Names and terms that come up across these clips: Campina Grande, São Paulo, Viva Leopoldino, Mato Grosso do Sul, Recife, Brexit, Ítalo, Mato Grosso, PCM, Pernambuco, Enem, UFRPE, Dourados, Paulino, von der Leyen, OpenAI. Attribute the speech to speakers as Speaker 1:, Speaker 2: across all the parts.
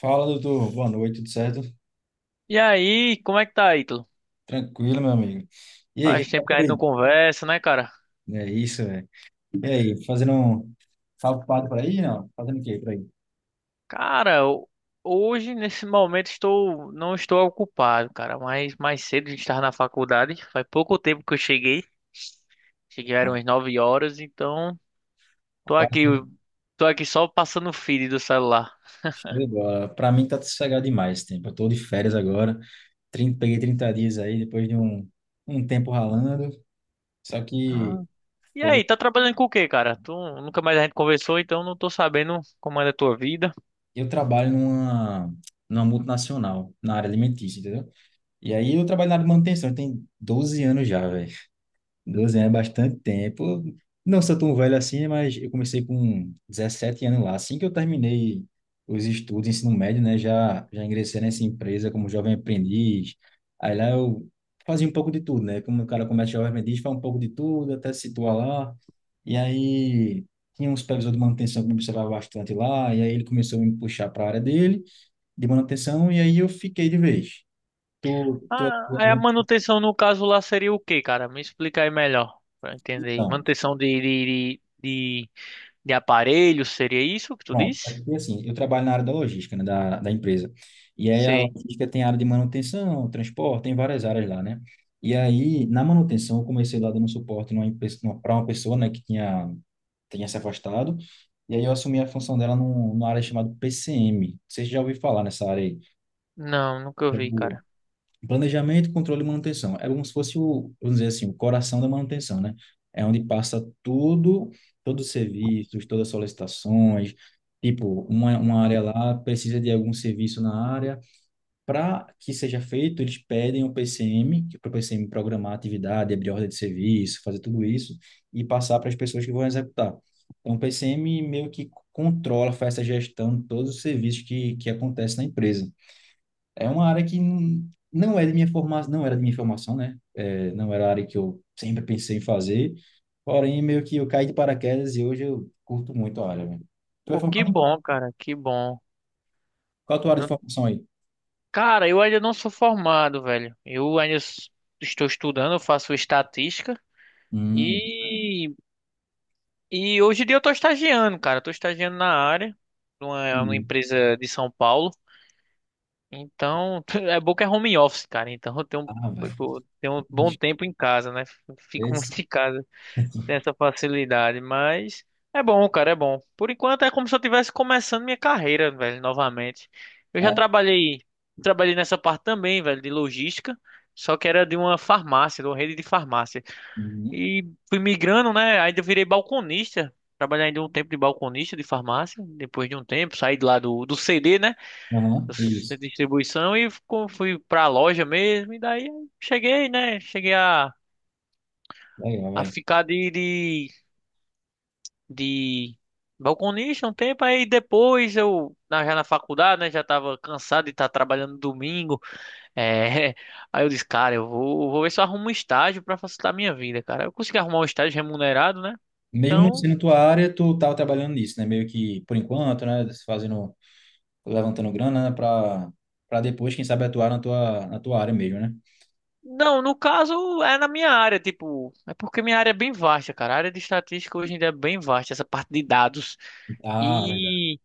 Speaker 1: Fala, doutor. Boa noite, tudo certo?
Speaker 2: E aí, como é que tá, Ítalo?
Speaker 1: Tranquilo, meu amigo. E aí, o que
Speaker 2: Faz
Speaker 1: que tá
Speaker 2: tempo que a
Speaker 1: por
Speaker 2: gente não
Speaker 1: aí?
Speaker 2: conversa, né, cara?
Speaker 1: É isso, velho. E aí, fazendo um... Tá ocupado por aí, não? Fazendo o quê por aí?
Speaker 2: Cara, hoje, nesse momento, não estou ocupado, cara. Mas mais cedo a gente estava na faculdade. Faz pouco tempo que eu cheguei. Cheguei eram
Speaker 1: Não,
Speaker 2: umas 9 horas, então tô aqui,
Speaker 1: ocupado.
Speaker 2: tô aqui só passando o feed do celular.
Speaker 1: Show de bola. Pra mim tá sossegado demais esse tempo. Eu tô de férias agora. 30, peguei 30 dias aí, depois de um tempo ralando. Só que
Speaker 2: Ah. E
Speaker 1: pô,
Speaker 2: aí, tá trabalhando com o quê, cara? Nunca mais a gente conversou, então não tô sabendo como é a tua vida.
Speaker 1: eu trabalho numa multinacional, na área alimentícia, entendeu? E aí eu trabalho na área de manutenção. Tem 12 anos já, velho. 12 anos é bastante tempo. Não sou tão velho assim, mas eu comecei com 17 anos lá. Assim que eu terminei os estudos, ensino médio, né, já ingressei nessa empresa como jovem aprendiz. Aí lá eu fazia um pouco de tudo, né? Como o cara começa jovem aprendiz, faz um pouco de tudo, até se situar lá. E aí tinha um supervisor de manutenção que me observava bastante lá, e aí ele começou a me puxar para a área dele, de manutenção, e aí eu fiquei de vez. Tô, tô...
Speaker 2: Ah, aí a manutenção no caso lá seria o quê, cara? Me explica aí melhor pra eu entender.
Speaker 1: Então,
Speaker 2: Manutenção de aparelhos, seria isso que tu
Speaker 1: pronto, é.
Speaker 2: disse?
Speaker 1: Porque assim, eu trabalho na área da logística, né, da empresa. E aí a
Speaker 2: Sim.
Speaker 1: logística tem área de manutenção, transporte, tem várias áreas lá, né? E aí, na manutenção, eu comecei lá dando suporte para uma pessoa, né, tinha se afastado. E aí eu assumi a função dela numa área chamada PCM. Vocês já ouviram falar nessa área aí?
Speaker 2: Não, nunca vi, cara.
Speaker 1: Planejamento, controle e manutenção. É como se fosse o, vamos dizer assim, o coração da manutenção, né? É onde passa tudo, todos os serviços, todas as solicitações. Tipo, uma área lá precisa de algum serviço na área. Para que seja feito, eles pedem o PCM, para o PCM programar a atividade, abrir ordem de serviço, fazer tudo isso e passar para as pessoas que vão executar. Então, o PCM meio que controla, faz essa gestão de todos os serviços que acontecem na empresa. É uma área que não é de minha formação, não era de minha formação, né? É, não era a área que eu sempre pensei em fazer. Porém, meio que eu caí de paraquedas e hoje eu curto muito a área, velho. Tu é
Speaker 2: Pô, que
Speaker 1: formado em
Speaker 2: bom, cara, que bom.
Speaker 1: qual a tua área de
Speaker 2: Não-
Speaker 1: formação aí?
Speaker 2: Cara, eu ainda não sou formado, velho. Estou estudando, eu faço estatística
Speaker 1: Hum,
Speaker 2: e, e hoje em dia eu tô estagiando, cara. Eu tô estagiando na área, numa
Speaker 1: entendi.
Speaker 2: empresa de São Paulo. Então, é bom que é home office, cara. Então, eu tenho,
Speaker 1: Ah,
Speaker 2: um,
Speaker 1: velho.
Speaker 2: tipo, eu tenho um bom
Speaker 1: Bicho,
Speaker 2: tempo em casa, né? Fico
Speaker 1: esse
Speaker 2: muito em casa, tem essa facilidade, mas é bom, cara, é bom. Por enquanto é como se eu estivesse começando minha carreira, velho, novamente. Eu já
Speaker 1: é.
Speaker 2: trabalhei, trabalhei nessa parte também, velho, de logística, só que era de uma farmácia, de uma rede de farmácia.
Speaker 1: Hum,
Speaker 2: E fui migrando, né? Aí eu virei balconista. Trabalhei ainda um tempo de balconista de farmácia, depois de um tempo, saí de lá do CD, né?
Speaker 1: aham, isso.
Speaker 2: Centro de distribuição fui pra loja mesmo. E daí eu cheguei, né? Cheguei a,
Speaker 1: Legal,
Speaker 2: a
Speaker 1: velho.
Speaker 2: ficar de balconista um tempo. Aí depois eu, já na faculdade, né? Já tava cansado de estar trabalhando domingo. É, aí eu disse, cara, vou ver se eu arrumo um estágio pra facilitar a minha vida, cara. Eu consegui arrumar um estágio remunerado, né?
Speaker 1: Mesmo não
Speaker 2: Então.
Speaker 1: sendo tua área, tu tava trabalhando nisso, né? Meio que por enquanto, né? Fazendo, levantando grana, né? Pra, pra depois, quem sabe, atuar na tua área mesmo, né?
Speaker 2: Não, no caso é na minha área, tipo, é porque minha área é bem vasta, cara. A área de estatística hoje em dia é bem vasta, essa parte de dados.
Speaker 1: Ah, verdade.
Speaker 2: E,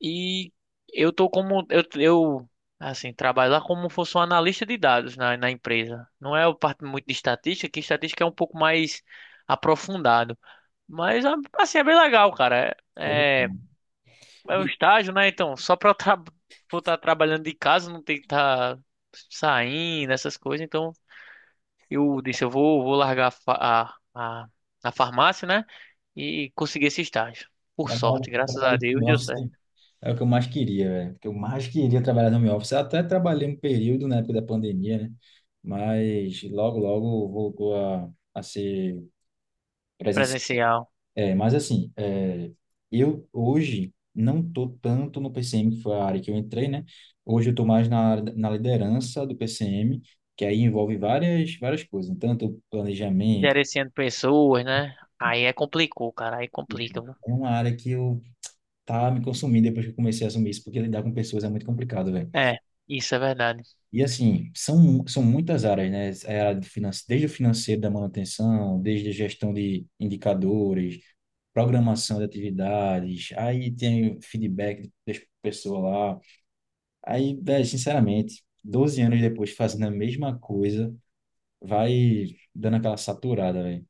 Speaker 2: e eu tô como, eu, assim, trabalho lá como se fosse um analista de dados na empresa. Não é o parte muito de estatística, que estatística é um pouco mais aprofundado. Mas, assim, é bem legal, cara.
Speaker 1: Show de bola.
Speaker 2: É um estágio, né? Então, só pra eu estar trabalhando de casa, não tem que estar saindo, essas coisas, então eu disse, vou largar a, fa- a, a, a farmácia, né? E consegui esse estágio. Por
Speaker 1: Trabalhar,
Speaker 2: sorte, graças a
Speaker 1: trabalhar de
Speaker 2: Deus,
Speaker 1: home
Speaker 2: deu certo.
Speaker 1: office é o que eu mais queria, velho. O que eu mais queria trabalhar no home office. Eu até trabalhei um período na época da pandemia, né? Mas logo, logo voltou a ser presencial.
Speaker 2: Presencial.
Speaker 1: É, mas assim, é, eu hoje não tô tanto no PCM, que foi a área que eu entrei, né? Hoje eu tô mais na, área da- na liderança do PCM, que aí envolve várias coisas, né? Tanto planejamento,
Speaker 2: Gerenciando pessoas, né? Aí é complicou, cara. Aí complica,
Speaker 1: enfim.
Speaker 2: viu?
Speaker 1: É uma área que eu tá me consumindo depois que eu comecei a assumir isso, porque lidar com pessoas é muito complicado, velho.
Speaker 2: É, isso é verdade.
Speaker 1: E assim, são muitas áreas, né? É a área de finan- desde o financeiro da manutenção, desde a gestão de indicadores, programação de atividades, aí tem feedback da pessoa lá. Aí, velho, sinceramente, 12 anos depois fazendo a mesma coisa, vai dando aquela saturada, velho.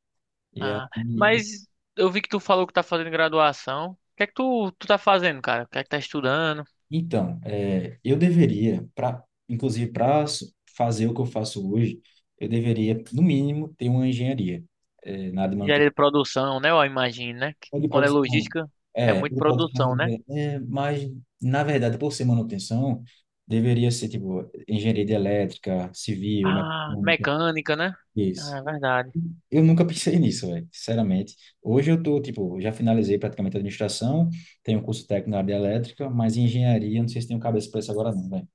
Speaker 1: E aí,
Speaker 2: Ah, mas eu vi que tu falou que tá fazendo graduação. O que é que tu tá fazendo, cara? O que é que tá estudando?
Speaker 1: então, é, eu deveria, pra, inclusive para fazer o que eu faço hoje, eu deveria, no mínimo, ter uma engenharia, é, na área de
Speaker 2: Engenharia
Speaker 1: manutenção.
Speaker 2: de produção, né? Eu imagino, né? Que
Speaker 1: O de
Speaker 2: Quando é
Speaker 1: produção.
Speaker 2: logística, é
Speaker 1: É, o
Speaker 2: muito
Speaker 1: de
Speaker 2: produção,
Speaker 1: produção
Speaker 2: né?
Speaker 1: é, é, mas, na verdade, por ser manutenção, deveria ser, tipo, engenharia de elétrica, civil,
Speaker 2: Ah,
Speaker 1: mecânica,
Speaker 2: mecânica, né?
Speaker 1: isso.
Speaker 2: Ah, é verdade.
Speaker 1: Eu nunca pensei nisso, velho, sinceramente. Hoje eu tô, tipo, já finalizei praticamente a administração, tenho um curso técnico na área de elétrica, mas em engenharia, não sei se tenho cabeça para isso agora não, velho.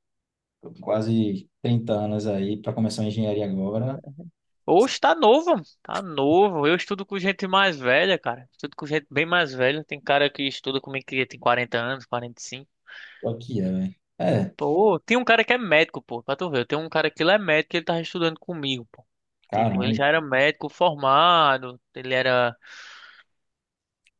Speaker 1: Tô com quase 30 anos aí, para começar uma engenharia agora,
Speaker 2: Oxe, tá novo, tá novo. Eu estudo com gente mais velha, cara. Estudo com gente bem mais velha. Tem cara que estuda comigo que tem 40 anos, 45.
Speaker 1: o que é, velho? É,
Speaker 2: Pô, tem um cara que é médico, pô, pra tu ver. Eu tenho um cara que ele é médico e ele tava estudando comigo, pô. Tipo, ele
Speaker 1: caramba.
Speaker 2: já era médico formado, ele era,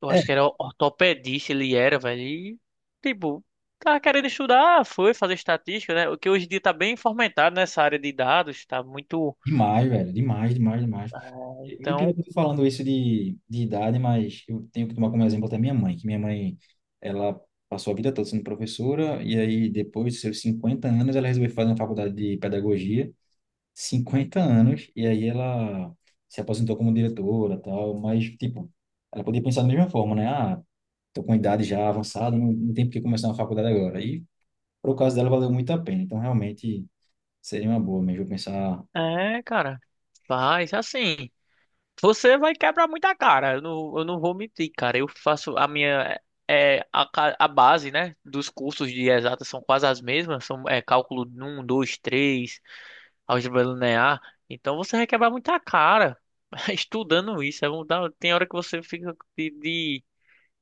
Speaker 2: eu
Speaker 1: É,
Speaker 2: acho que era ortopedista, ele era, velho. E, tipo, tava querendo estudar, foi fazer estatística, né? O que hoje em dia tá bem fomentado nessa área de dados, tá muito.
Speaker 1: demais, velho, demais, demais, demais. E pior
Speaker 2: Então,
Speaker 1: que eu tô falando isso de idade, mas eu tenho que tomar como exemplo até minha mãe, que minha mãe, ela passou a vida toda sendo professora, e aí depois dos seus 50 anos, ela resolveu fazer uma faculdade de pedagogia, 50 anos, e aí ela se aposentou como diretora, tal, mas, tipo, ela podia pensar da mesma forma, né? Ah, tô com idade já avançada, não, não tem por que começar uma faculdade agora. E, pro caso dela, valeu muito a pena, então realmente seria uma boa mesmo eu pensar.
Speaker 2: é, cara, faz assim. Você vai quebrar muita cara, eu não vou mentir, cara. Eu faço a minha. É, a base, né, dos cursos de exatas são quase as mesmas, são cálculo um, 2, 3, álgebra linear. Então você vai quebrar muita cara estudando isso. É, tem hora que você fica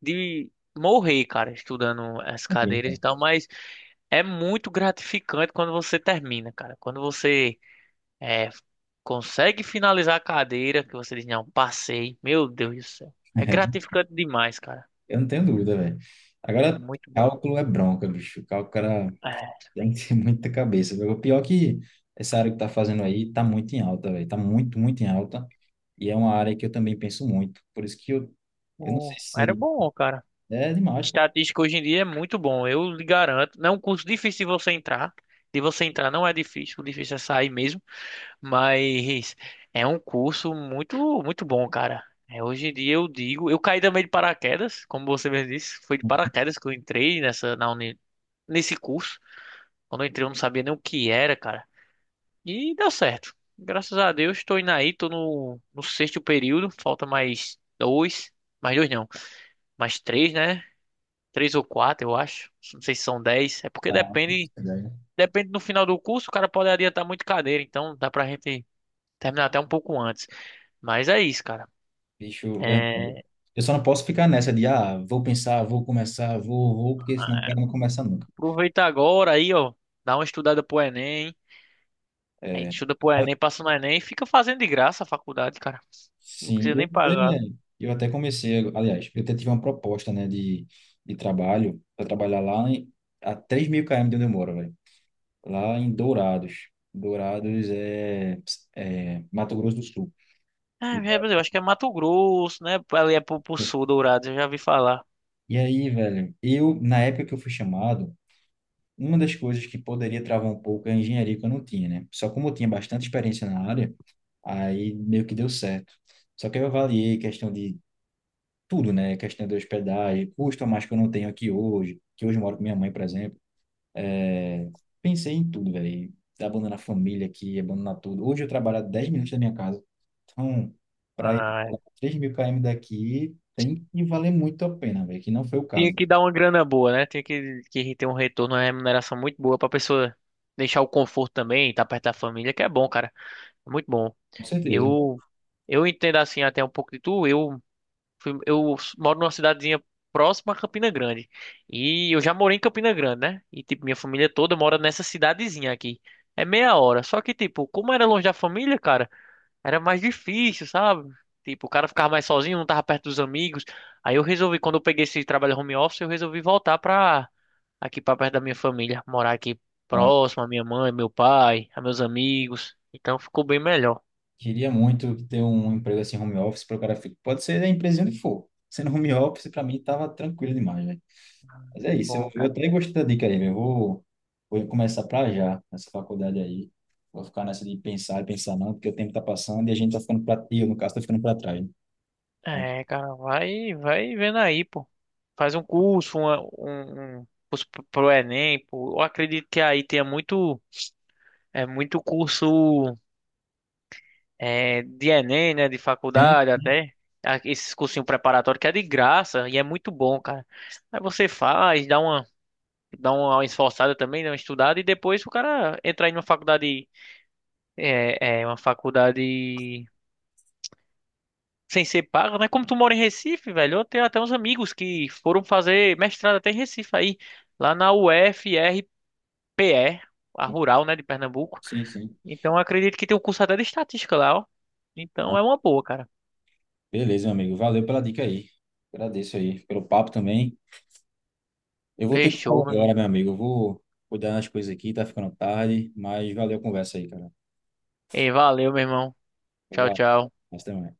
Speaker 2: de morrer, cara, estudando as cadeiras e tal, mas é muito gratificante quando você termina, cara. Quando você é, consegue finalizar a cadeira que você diz, não, passei. Meu Deus do céu. É gratificante demais, cara.
Speaker 1: Eu não tenho dúvida, velho.
Speaker 2: É
Speaker 1: Agora,
Speaker 2: muito bom.
Speaker 1: cálculo é bronca, bicho. Cálculo, cara,
Speaker 2: É,
Speaker 1: tem que ter muita cabeça, velho. O pior é que essa área que tá fazendo aí tá muito em alta, velho. Tá muito em alta. E é uma área que eu também penso muito. Por isso que eu não sei se
Speaker 2: era
Speaker 1: seria.
Speaker 2: bom, cara.
Speaker 1: É demais, pô.
Speaker 2: Estatística hoje em dia é muito bom, eu lhe garanto. Não é um curso difícil de você entrar. De você entrar não é difícil, o difícil é sair mesmo. Mas é um curso muito, muito bom, cara. É, hoje em dia eu digo, eu caí também de paraquedas, como você mesmo disse, foi de paraquedas que eu entrei nesse curso. Quando eu entrei, eu não sabia nem o que era, cara. E deu certo. Graças a Deus, estou indo aí, tô no sexto período. Falta mais dois. Mais dois não. Mais três, né? Três ou quatro, eu acho. Não sei se são 10. É porque
Speaker 1: Ah,
Speaker 2: depende.
Speaker 1: verdade.
Speaker 2: Depende no final do curso, o cara pode adiantar muito cadeira, então dá pra gente terminar até um pouco antes. Mas é isso, cara.
Speaker 1: Bicho, verdade.
Speaker 2: É,
Speaker 1: Eu só não posso ficar nessa de, ah, vou pensar, vou começar, vou, porque senão o cara não começa nunca.
Speaker 2: aproveita agora aí, ó. Dá uma estudada pro Enem. Aí
Speaker 1: É.
Speaker 2: estuda pro Enem, passa no Enem e fica fazendo de graça a faculdade, cara. Não
Speaker 1: Sim,
Speaker 2: precisa nem pagar.
Speaker 1: eu até comecei, aliás, eu até tive uma proposta, né, de trabalho, para trabalhar lá em, a 3.000 km de onde eu moro, velho, lá em Dourados. Dourados é, é Mato Grosso do Sul.
Speaker 2: É, Brasil, acho que é Mato Grosso, né? Ali é pro sul, Dourados, eu já vi falar.
Speaker 1: E aí, velho, eu, na época que eu fui chamado, uma das coisas que poderia travar um pouco é a engenharia que eu não tinha, né? Só como eu tinha bastante experiência na área, aí meio que deu certo. Só que eu avaliei questão de tudo, né? Questão de hospedagem, custo a mais que eu não tenho aqui hoje, que hoje eu moro com minha mãe, por exemplo. É, pensei em tudo, velho. Abandonar a família aqui, abandonar tudo. Hoje eu trabalho a 10 minutos da minha casa. Então, para ir
Speaker 2: Ah, é.
Speaker 1: pra 3 mil km daqui, tem que valer muito a pena, velho. Que não foi o
Speaker 2: Tinha
Speaker 1: caso.
Speaker 2: que dar uma grana boa, né? Tinha que ter um retorno, uma remuneração muito boa pra pessoa deixar o conforto também, estar perto da família, que é bom, cara. É muito bom.
Speaker 1: Com certeza.
Speaker 2: Eu, eu entendo assim até um pouco de tu. Eu moro numa cidadezinha próxima a Campina Grande. E eu já morei em Campina Grande, né? E tipo, minha família toda mora nessa cidadezinha aqui. É meia hora. Só que, tipo, como era longe da família, cara. Era mais difícil, sabe? Tipo, o cara ficava mais sozinho, não tava perto dos amigos. Aí eu resolvi, quando eu peguei esse trabalho home office, eu resolvi voltar pra aqui pra perto da minha família, morar aqui
Speaker 1: Bom,
Speaker 2: próximo à minha mãe, meu pai, a meus amigos. Então ficou bem melhor.
Speaker 1: queria muito ter um emprego assim, home office, para o cara ficar. Pode ser a empresa onde for. Sendo home office, para mim, tava tranquilo demais, velho. Mas é
Speaker 2: É
Speaker 1: isso,
Speaker 2: bom,
Speaker 1: eu
Speaker 2: cara.
Speaker 1: até gostei da dica aí, velho. Eu vou, vou começar pra já, nessa faculdade aí. Vou ficar nessa de pensar e pensar não, porque o tempo tá passando e a gente tá ficando pra... E eu, no caso, tá ficando pra trás, né? Mas,
Speaker 2: É, cara, vai, vai vendo aí, pô. Faz um curso, um curso pro Enem, pô. Eu acredito que aí tenha muito, é muito curso é, de Enem, né, de
Speaker 1: é,
Speaker 2: faculdade até, esses cursinhos preparatórios que é de graça e é muito bom, cara. Aí você faz, dá uma esforçada também, dá uma estudada e depois o cara entra em uma faculdade, uma faculdade sem ser paga, né? Como tu mora em Recife, velho, eu tenho até uns amigos que foram fazer mestrado até em Recife aí, lá na UFRPE, a Rural, né, de Pernambuco.
Speaker 1: sim, sim.
Speaker 2: Então eu acredito que tem um curso até de estatística lá, ó. Então
Speaker 1: Ah,
Speaker 2: é uma boa, cara.
Speaker 1: beleza, meu amigo. Valeu pela dica aí. Agradeço aí pelo papo também. Eu vou ter que
Speaker 2: Fechou,
Speaker 1: sair
Speaker 2: meu
Speaker 1: agora,
Speaker 2: irmão.
Speaker 1: meu amigo. Eu vou cuidar das coisas aqui, tá ficando tarde, mas valeu a conversa aí, cara.
Speaker 2: Ei, valeu, meu irmão. Tchau,
Speaker 1: Vai,
Speaker 2: tchau.
Speaker 1: até mais.